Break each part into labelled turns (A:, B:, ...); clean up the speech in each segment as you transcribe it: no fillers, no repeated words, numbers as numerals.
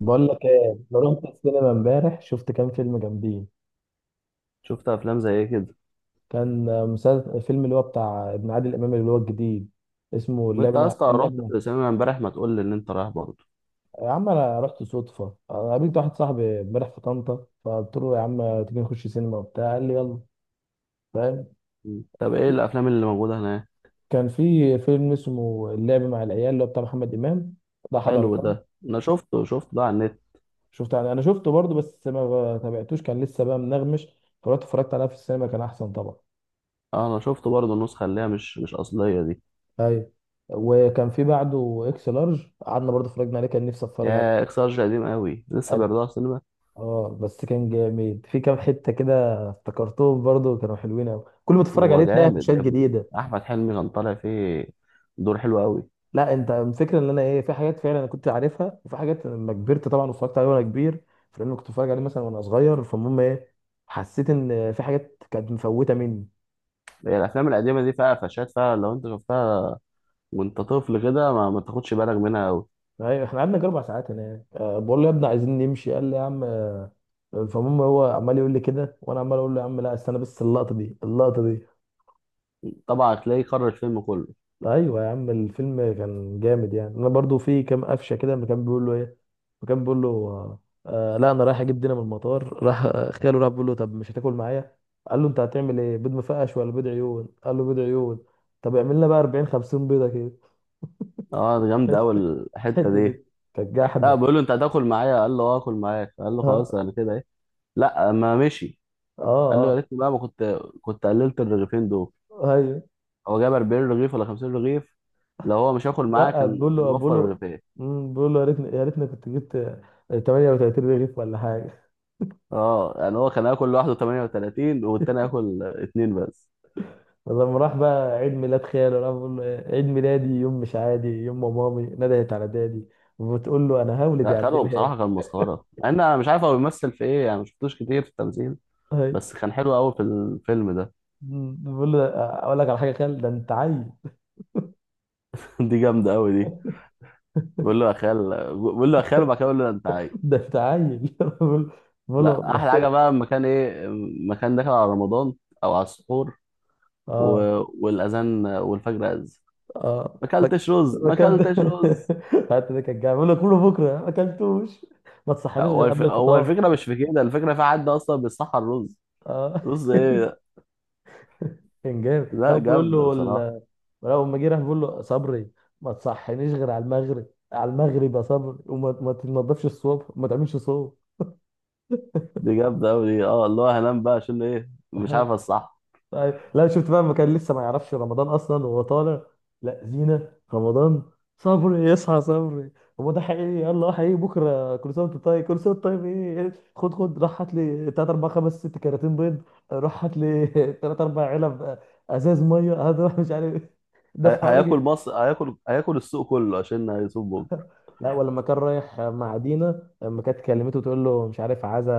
A: بقول لك ايه، انا رحت السينما امبارح، شفت كام فيلم جامدين.
B: شفت افلام زي ايه كده؟
A: كان مسلسل فيلم اللي هو بتاع ابن عادل امام اللي هو الجديد، اسمه اللعب
B: وانت يا
A: مع
B: اسطى رحت السينما امبارح، ما تقول لي ان انت رايح برضه.
A: يا عم انا رحت صدفه. أنا قابلت واحد صاحبي امبارح في طنطا، فقلت له يا عم تيجي نخش سينما وبتاع، قال لي يلا. فاهم.
B: طب ايه الافلام اللي موجوده هناك؟
A: كان في فيلم اسمه اللعب مع العيال اللي هو بتاع محمد امام، ده
B: حلو ده،
A: حضرته.
B: انا شفته ده على النت.
A: شفت يعني، انا شفته برضه بس ما تابعتوش، كان لسه بقى منغمش، فرحت اتفرجت عليها في السينما، كان احسن طبعا.
B: اه انا شفته برضه، النسخه اللي هي مش اصليه دي.
A: ايوه. وكان في بعده اكس لارج، قعدنا برضه اتفرجنا عليه، كان نفسي اتفرج
B: يا
A: عليه.
B: اكس لارج قديم قوي، لسه
A: قد-
B: بيعرضوها في السينما؟
A: اه بس كان جامد في كام حته كده. افتكرتهم برضه، كانوا حلوين قوي، كل ما تتفرج
B: هو
A: عليه تلاقي
B: جامد
A: فيشات
B: يا ابني،
A: جديده.
B: احمد حلمي كان طالع فيه دور حلو قوي.
A: لا انت الفكره ان انا ايه، في حاجات فعلا انا كنت عارفها، وفي حاجات لما كبرت طبعا واتفرجت عليه وانا كبير فلان كنت اتفرج عليه مثلا وانا صغير، فالمهم ايه، حسيت ان في حاجات كانت مفوته مني.
B: هي الافلام القديمه دي فيها قفشات، فيها لو انت شفتها وانت طفل كده ما تاخدش بالك منها قوي.
A: ايوه، احنا قعدنا جربع ساعات هناك، أه بقول له يا ابني عايزين نمشي، قال لي يا عم آه، فالمهم هو عمال يقول لي كده وانا عمال اقول له يا عم لا استنى بس اللقطه دي اللقطه دي.
B: طبعا هتلاقيه كرر الفيلم كله.
A: ايوه يا عم الفيلم كان جامد، يعني انا برضو في كام قفشه كده، لما كان بيقول له ايه، فكان بيقول له آه. لا انا رايح اجيب دينا من المطار. راح خاله، راح بيقول له طب مش هتاكل معايا، قال له انت هتعمل ايه، بيض مفقش ولا بيض عيون، قال له بيض عيون، طب اعمل لنا بقى 40 50 بيضه كده.
B: اه ده جامد قوي
A: بس
B: الحته
A: الحته
B: دي.
A: دي كانت
B: لا
A: جحده.
B: بقول له انت هتاكل معايا، قال له اه اكل معاك، قال له خلاص
A: اه.
B: انا كده ايه. لا ما مشي.
A: اه.
B: قال له
A: اه.
B: يا ريتني بقى ما كنت قللت الرغيفين دول.
A: ايوه.
B: هو جاب 40 رغيف ولا 50 رغيف؟ لو هو مش هياكل معاه
A: لا
B: كان
A: بقول
B: كان
A: له بقول
B: وفر
A: له
B: رغيفين.
A: بقول له يا ريتني كنت جبت 38 رغيف ولا حاجه.
B: اه يعني هو كان هياكل لوحده 38 والتاني هياكل اتنين بس.
A: فلما راح بقى عيد ميلاد خاله راح بقول له إيه، عيد ميلادي يوم مش عادي، يوم ما مامي ندهت على دادي، وبتقول له انا هولد
B: لا
A: يا عبد
B: خده
A: الهادي.
B: بصراحه كان مسخره، مع ان انا مش عارف هو بيمثل في ايه يعني، ما شفتوش كتير في التمثيل.
A: أهي.
B: بس كان حلو قوي في الفيلم ده.
A: بقول له اقول لك على حاجه يا خال، ده انت عيل.
B: دي جامده قوي دي. بقول له يا خال، بقول له يا خال، وبعد كده بقول له انت عايز.
A: ده انت عيل. بقول. بقول له
B: لا، احلى حاجه
A: محتاج.
B: بقى المكان ايه، مكان داخل على رمضان او على السحور. و...
A: اه.
B: والاذان والفجر اذن.
A: اه.
B: ما
A: ما
B: اكلتش رز،
A: ما
B: ما
A: اكلت.
B: اكلتش رز.
A: حتى ده كان جاي بقول له كله بكره ما اكلتوش، ما تصحنيش غير قبل
B: هو
A: الفطار.
B: الفكره مش في كده، الفكره في حد اصلا بيصحى الرز.
A: اه.
B: رز ايه ده؟
A: كان جامد،
B: لا جامده بصراحه.
A: لو لما جه راح بيقول له صبري ما تصحينيش غير على المغرب، على المغرب يا صبري، وما ما تنضفش الصوب وما تعملش صوب.
B: دي جامده قوي دي، اه اللي هو هنام بقى عشان ايه، مش عارف الصح.
A: لا شفت بقى ما كان لسه ما يعرفش رمضان اصلا وهو طالع، لا زينة رمضان، صبري يصحى صبري، هو ده حقيقي يلا حقيقي بكره كل سنه وانت طيب، كل سنه وانت طيب، ايه خد خد راح هات لي 3 4 5 6 كراتين بيض. راح هات لي 3 4 علب، ازاز ميه هذا راح مش عارف إيه. دفع
B: هياكل
A: لك.
B: مصر، هياكل السوق كله عشان هيصوم بكره.
A: لا ولما كان رايح مع دينا، لما كانت كلمته تقول له مش عارف عايزه،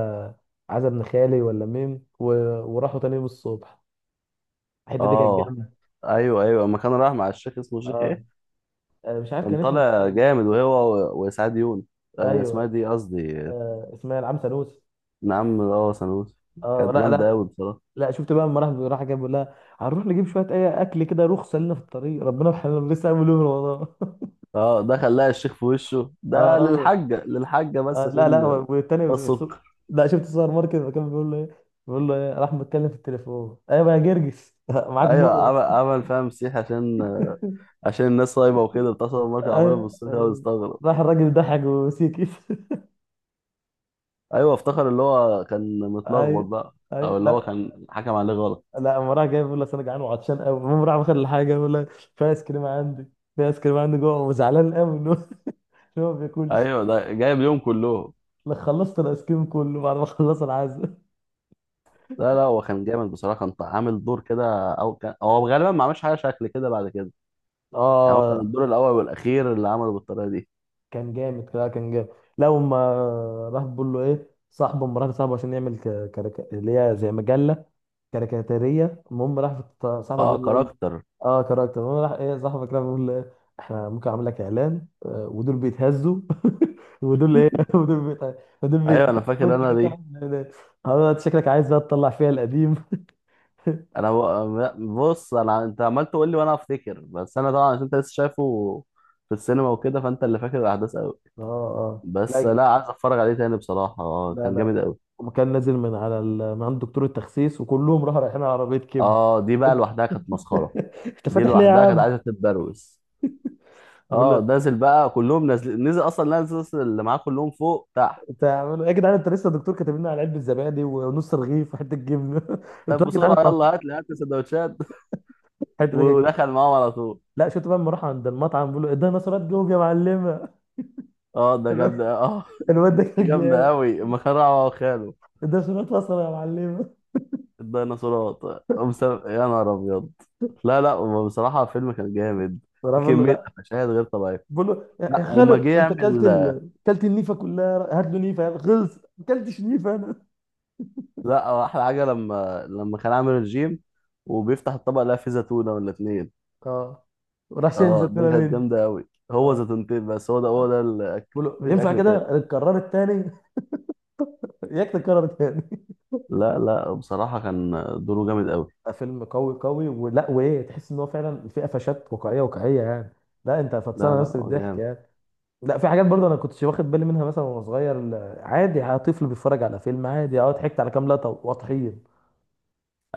A: عايزه ابن خالي ولا مين و... وراحوا تاني يوم الصبح، الحته دي كانت
B: اه.
A: جامده.
B: ايوه ايوه، اما كان رايح مع الشيخ، اسمه الشيخ
A: اه،
B: ايه؟
A: آه، مش عارف
B: كان
A: كان اسمه.
B: طالع جامد وهو وسعاد يونس. آه، اسمها
A: ايوه.
B: دي قصدي.
A: آه اسمها العم سانوس.
B: نعم اه سنوس.
A: اه.
B: كانت
A: لا
B: جامدة
A: لا.
B: أوي بصراحة.
A: لا شفت بقى، لما راح راح جاب بيقول لها هنروح نجيب شويه اي اكل كده، رخصه لنا في الطريق ربنا يرحمنا لسه عامل يوم رمضان.
B: اه ده خلاها الشيخ في وشه
A: اه
B: ده،
A: رمضان.
B: للحاجة بس
A: آه لا لا،
B: عشان. ده الصدق.
A: لا شفت السوبر ماركت لما كان بيقول له ايه، بيقول له ايه، راح متكلم في التليفون ايوه يا جرجس. معاك
B: أيوة
A: مر.
B: عمل فيها مسيح عشان، عشان الناس صايمة وكده، اتصل الماركة عماله
A: أيوة.
B: بالصوت كده ويستغرب.
A: راح الراجل ضحك وسيكت.
B: أيوة، افتكر اللي هو كان متلخبط
A: ايوه.
B: بقى.
A: ايوه.
B: أو اللي هو
A: لا.
B: كان حكم عليه غلط.
A: لا اما راح جاي بيقول لك انا جعان وعطشان قوي، المهم راح واخد الحاجه بيقول لك في ايس كريم عندي جوه، وزعلان قوي ان هو إن هو ما بياكلش
B: أيوة ده جايب اليوم كله.
A: لك، خلصت الايس كريم كله بعد ما خلص العزاء.
B: لا لا، هو كان جامد بصراحة، كان عامل دور كده، أو كان هو غالبا ما عملش حاجة شكل كده بعد كده. يعني هو كان
A: اه
B: الدور الأول والأخير اللي عمله بالطريقة دي.
A: كان جامد، لا كان جامد. لا وما راح بيقول له ايه صاحبه، مرات صاحبه، عشان يعمل اللي هي زي مجله كاريكاتيريه، المهم راح صاحبك ده
B: اه
A: بيقول.
B: كاركتر.
A: اه كاركتر. المهم راح ايه صاحبك ده بيقول له إيه، احنا ممكن اعمل لك اعلان آه، ودول بيتهزوا. ودول ايه. ودول
B: ايوه
A: بيتهزوا.
B: انا فاكر
A: وانت
B: انا
A: كده
B: دي.
A: تعمل إعلانات. آه، انت شكلك عايز بقى تطلع فيها القديم.
B: بص انا، انت عمال تقول لي وانا افتكر، بس انا طبعا عشان انت لسه شايفه في السينما وكده، فانت اللي فاكر الاحداث قوي.
A: اه. اه.
B: بس
A: لا.
B: لا، عايز اتفرج عليه تاني بصراحه، اه
A: لا
B: كان
A: لا.
B: جامد قوي.
A: وكان نازل من على من عند دكتور التخسيس، وكلهم راحوا رايحين على عربيه كبد.
B: اه دي بقى لوحدها كانت مسخره.
A: انت
B: دي
A: فاتح ليه يا
B: لوحدها كانت
A: عم؟
B: عايزه تتبروس.
A: بقول له
B: اه نازل بقى، كلهم نازل، نزل اصلا نازل أصلاً اللي معاه كلهم فوق تحت.
A: يا جدعان انت لسه الدكتور كاتب لنا على علبه زبادي ونص رغيف وحته جبنه،
B: طب
A: انتوا يا جدعان.
B: بسرعه يلا، هات لي سندوتشات.
A: الحته دي كانت جامدة.
B: ودخل معاهم على طول.
A: لا شفت بقى لما راح عند المطعم بيقول له اديها نشرات جوب يا معلمه.
B: اه ده جامد اه.
A: الواد ده
B: دي
A: كان
B: جامده
A: جامد.
B: قوي، مخرعه وخاله.
A: اديها نشرات بصل يا معلمه.
B: الديناصورات. يا نهار ابيض. لا لا، هو بصراحه الفيلم كان جامد،
A: راح
B: في
A: بيقول له
B: كميه
A: لا
B: مشاهد غير طبيعيه.
A: بيقول له يا
B: لا
A: خالو
B: وما جه
A: انت كلت
B: يعمل.
A: كلت النيفه كلها، هات له نيفه يلا خلص، ما كلتش نيفه انا.
B: لا هو احلى حاجه، لما كان عامل الجيم وبيفتح الطبق لقى فيه زيتونه ولا اتنين.
A: اه، وراح شايل
B: اه
A: زيتونه
B: دي كانت
A: مني.
B: جامده قوي، هو
A: اه
B: زيتونتين بس، هو ده الاكل،
A: بيقول له
B: مفيش
A: ينفع
B: اكل تاني.
A: كده اتكرر التاني. ياك تتكرر تاني.
B: لا لا بصراحه كان دوره جامد قوي.
A: فيلم قوي قوي، ولا وايه، تحس ان هو فعلا في قفشات واقعيه واقعيه يعني، لا انت
B: لا
A: فطسانه
B: لا
A: نفسك
B: هو
A: بالضحك
B: جامد.
A: يعني. لا في حاجات برضه انا كنتش واخد بالي منها مثلا وانا صغير، عادي طفل بيتفرج على فيلم عادي، اه ضحكت على كام لقطه واطحين.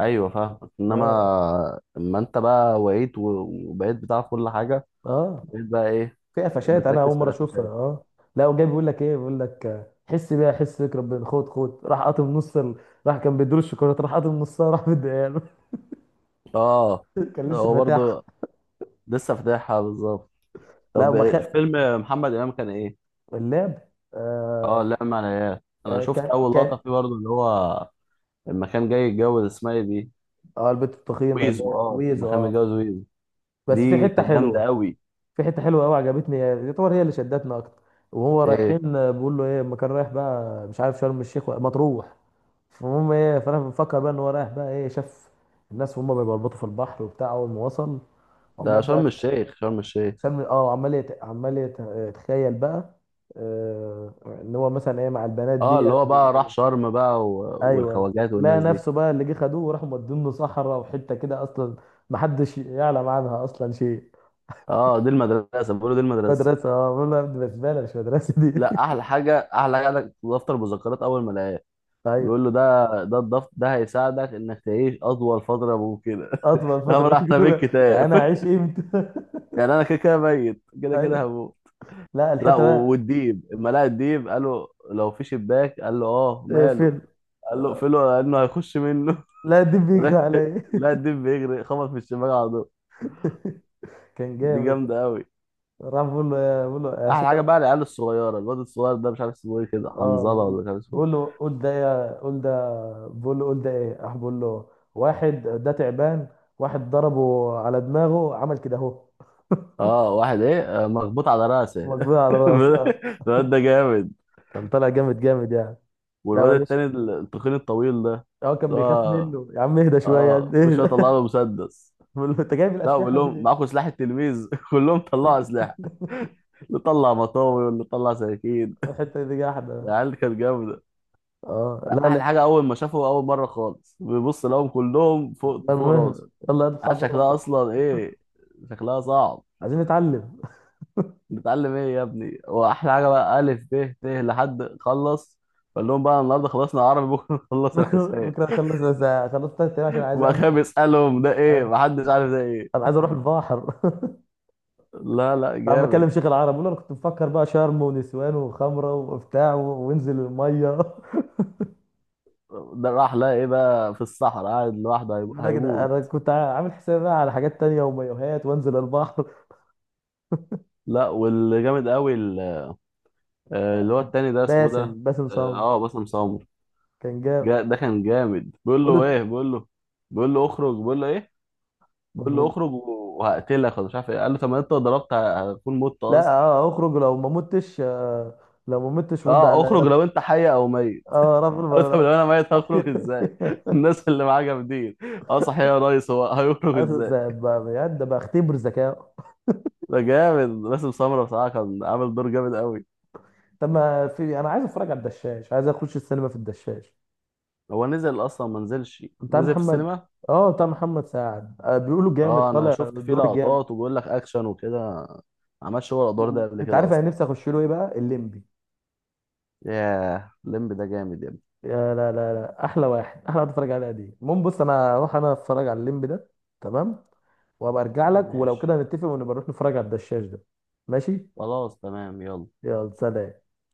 B: ايوه فاهمك، انما
A: اه.
B: اما انت بقى وعيت وبقيت بتعرف كل حاجه.
A: اه.
B: بقيت بقى ايه؟
A: في قفشات انا
B: بتركز
A: اول
B: في
A: مره اشوفها
B: القفشات.
A: اه. لا وجاي بيقول لك ايه بيقول لك آه، حس بيها حس بيك ربنا، خد خد راح قاطم نص راح كان بيدور الشوكولاته، راح قاطم نصها راح مديها له.
B: اه
A: كان لسه
B: هو
A: فاتحها.
B: برضه لسه فاتحها بالظبط.
A: لا
B: طب
A: وما خد.
B: فيلم محمد امام كان ايه؟
A: اللعب.
B: اه
A: آه.
B: لا معنى. انا
A: آه
B: شفت
A: كان
B: اول لقطه
A: كان،
B: فيه برضه، اللي هو لما كان جاي يتجوز، اسمها ايه دي؟
A: اه البت التخينه اللي هي
B: ويزو، اه لما
A: ويزو
B: كان
A: اه.
B: متجوز ويزو،
A: بس في
B: دي
A: حته
B: كانت جامده
A: حلوه.
B: قوي.
A: في حته حلوه قوي عجبتني، يعتبر هي اللي شدتنا اكتر، وهو
B: ايه
A: رايحين آه، بيقول له ايه، ما كان رايح بقى مش عارف شرم الشيخ مطروح، فالمهم ايه، فانا مفكر بقى ان هو رايح بقى ايه، شاف الناس وهم بيبلبطوا في البحر وبتاع، اول ما وصل
B: ده؟
A: عمال بقى
B: شرم الشيخ، شرم الشيخ.
A: شرم اه، يتخيل بقى آه... ان هو مثلا ايه مع البنات
B: اه اللي
A: ديت
B: هو بقى راح شرم بقى
A: ايوه،
B: والخواجات
A: لقى
B: والناس دي.
A: نفسه بقى اللي جه خدوه وراحوا مودينه صحراء، وحته كده اصلا محدش يعلم عنها اصلا شيء.
B: اه دي المدرسه بيقولوا دي المدرسه.
A: مدرسة اه، بقول له يا ابني بسبالة مش مدرسة دي.
B: لا، احلى حاجه عندك دفتر مذكرات اول ما لقاه،
A: ايوه.
B: بيقول له ده الضغط ده هيساعدك انك تعيش اطول فتره ممكنه.
A: اطول
B: هم
A: فترة
B: احنا بيت
A: اولى، يعني
B: كتاب؟
A: انا هعيش امتى.
B: يعني انا كده كده ميت، كده كده
A: ايوه.
B: هموت.
A: لا
B: لا
A: الحتة بقى.
B: والديب، اما لقى الديب قال له لو في شباك، قال له اه
A: إيه
B: ماله،
A: فين.
B: قال له اقفله لانه هيخش منه.
A: لا دي بيجري
B: راح-
A: عليا.
B: لا الديب بيجري خبط في الشباك على طول.
A: كان
B: دي
A: جامد.
B: جامده قوي.
A: راح بقول له يا بقول له يا شيخ
B: احلى حاجه
A: انا.
B: بقى العيال الصغيره، الواد الصغير ده مش عارف اسمه ايه كده،
A: اه
B: حنظله ولا مش عارف اسمه
A: بقول، بقول
B: ايه.
A: له قول ده، بقول له قول ده ايه، راح بقول له واحد ده تعبان، واحد ضربه على دماغه عمل كده اهو.
B: اه واحد ايه، آه، مخبوط على راسه.
A: مجبور على راسه آه.
B: الواد ده جامد.
A: كان طالع جامد، جامد يعني. لا
B: والواد
A: معلش.
B: التاني التخين الطويل ده،
A: هو كان
B: اللي
A: بيخاف
B: هو
A: منه، يا عم اهدى شوية
B: اه كل
A: اهدى.
B: شويه طلع له مسدس.
A: بقول له انت جايب
B: لا بقول
A: الاسلحه دي
B: لهم
A: ليه؟
B: معاكم سلاح التلميذ؟ كلهم طلعوا سلاح، اللي طلع مطاوي واللي طلع سكاكين.
A: الحته دي جاحده بقى.
B: العيال دي كانت جامده.
A: اه لا لا
B: احلى
A: لا،
B: حاجه اول ما شافوا اول مره خالص بيبص لهم كلهم فوق راسه.
A: المهم يلا اطلع
B: عارف
A: بره انت.
B: شكلها اصلا ايه؟ شكلها صعب.
A: عايزين نتعلم.
B: بتتعلم ايه يا ابني؟ واحلى حاجه بقى الف ب ت لحد خلص، قال لهم بقى النهارده خلصنا عربي، بكره نخلص
A: بكره
B: الحساب.
A: بكره اخلص اخلص تلات ايام عشان عايز
B: وبقى كان
A: امشي.
B: بيسالهم ده ايه،
A: عايز-
B: محدش عارف ده ايه.
A: انا عايز اروح البحر.
B: لا لا
A: عم بكلم
B: جامد.
A: شيخ العرب، بقول له انا كنت مفكر بقى شرم ونسوان وخمره وبتاع وانزل الميه.
B: ده راح لقى ايه بقى في الصحراء قاعد لوحده،
A: لا كده
B: هيموت.
A: انا كنت عامل حسابي بقى على حاجات تانية ومايوهات وانزل البحر.
B: لا واللي جامد قوي آه، اللي هو التاني ده اسمه ده.
A: باسم، باسم
B: اه.
A: صامت.
B: آه، باسم سمر.
A: كان جاب.
B: ده كان جامد، بيقول
A: بقول
B: له
A: له
B: ايه، بيقول له، بيقول له اخرج، بيقول له ايه، بيقول له اخرج وهقتلك ولا مش عارف ايه. قال له طب ما انت لو ضربت هتكون مت
A: لا
B: اصلا.
A: اه اخرج لو ما متش آه، لو ما متش رد
B: اه اخرج
A: على.
B: لو انت حي او ميت.
A: اه رفع
B: قال له طب لو
A: الملعقة.
B: انا ميت هخرج ازاي؟ الناس اللي معاه جامدين. اه صحيح يا ريس، هو هيخرج
A: اخر
B: ازاي؟
A: ساعة بقى بجد، بقى اختبر ذكاء.
B: ده جامد باسم سمرة بصراحة، كان عامل دور جامد قوي.
A: طب ما في انا عايز اتفرج على الدشاش، عايز اخش السينما في الدشاش
B: هو نزل اصلا، ما نزلش،
A: بتاع
B: نزل في
A: محمد.
B: السينما.
A: اه بتاع محمد سعد آه، بيقولوا جامد
B: اه انا
A: طالع
B: شفت فيه
A: الدور جامد.
B: لقطات وبيقول لك اكشن وكده، ما عملش هو الادوار ده قبل
A: انت
B: كده
A: عارف انا
B: اصلا.
A: نفسي اخش له ايه بقى، الليمبي.
B: ياه الليمب ده جامد يا ابني.
A: يا لا لا لا، احلى واحد، احلى واحد اتفرج عليها دي، المهم بص انا اروح انا اتفرج على الليمبي ده، تمام، وابقى ارجع لك، ولو
B: ماشي،
A: كده هنتفق ونبقى نروح نتفرج على الدشاش ده. ماشي.
B: خلاص تمام يلا.
A: يلا سلام.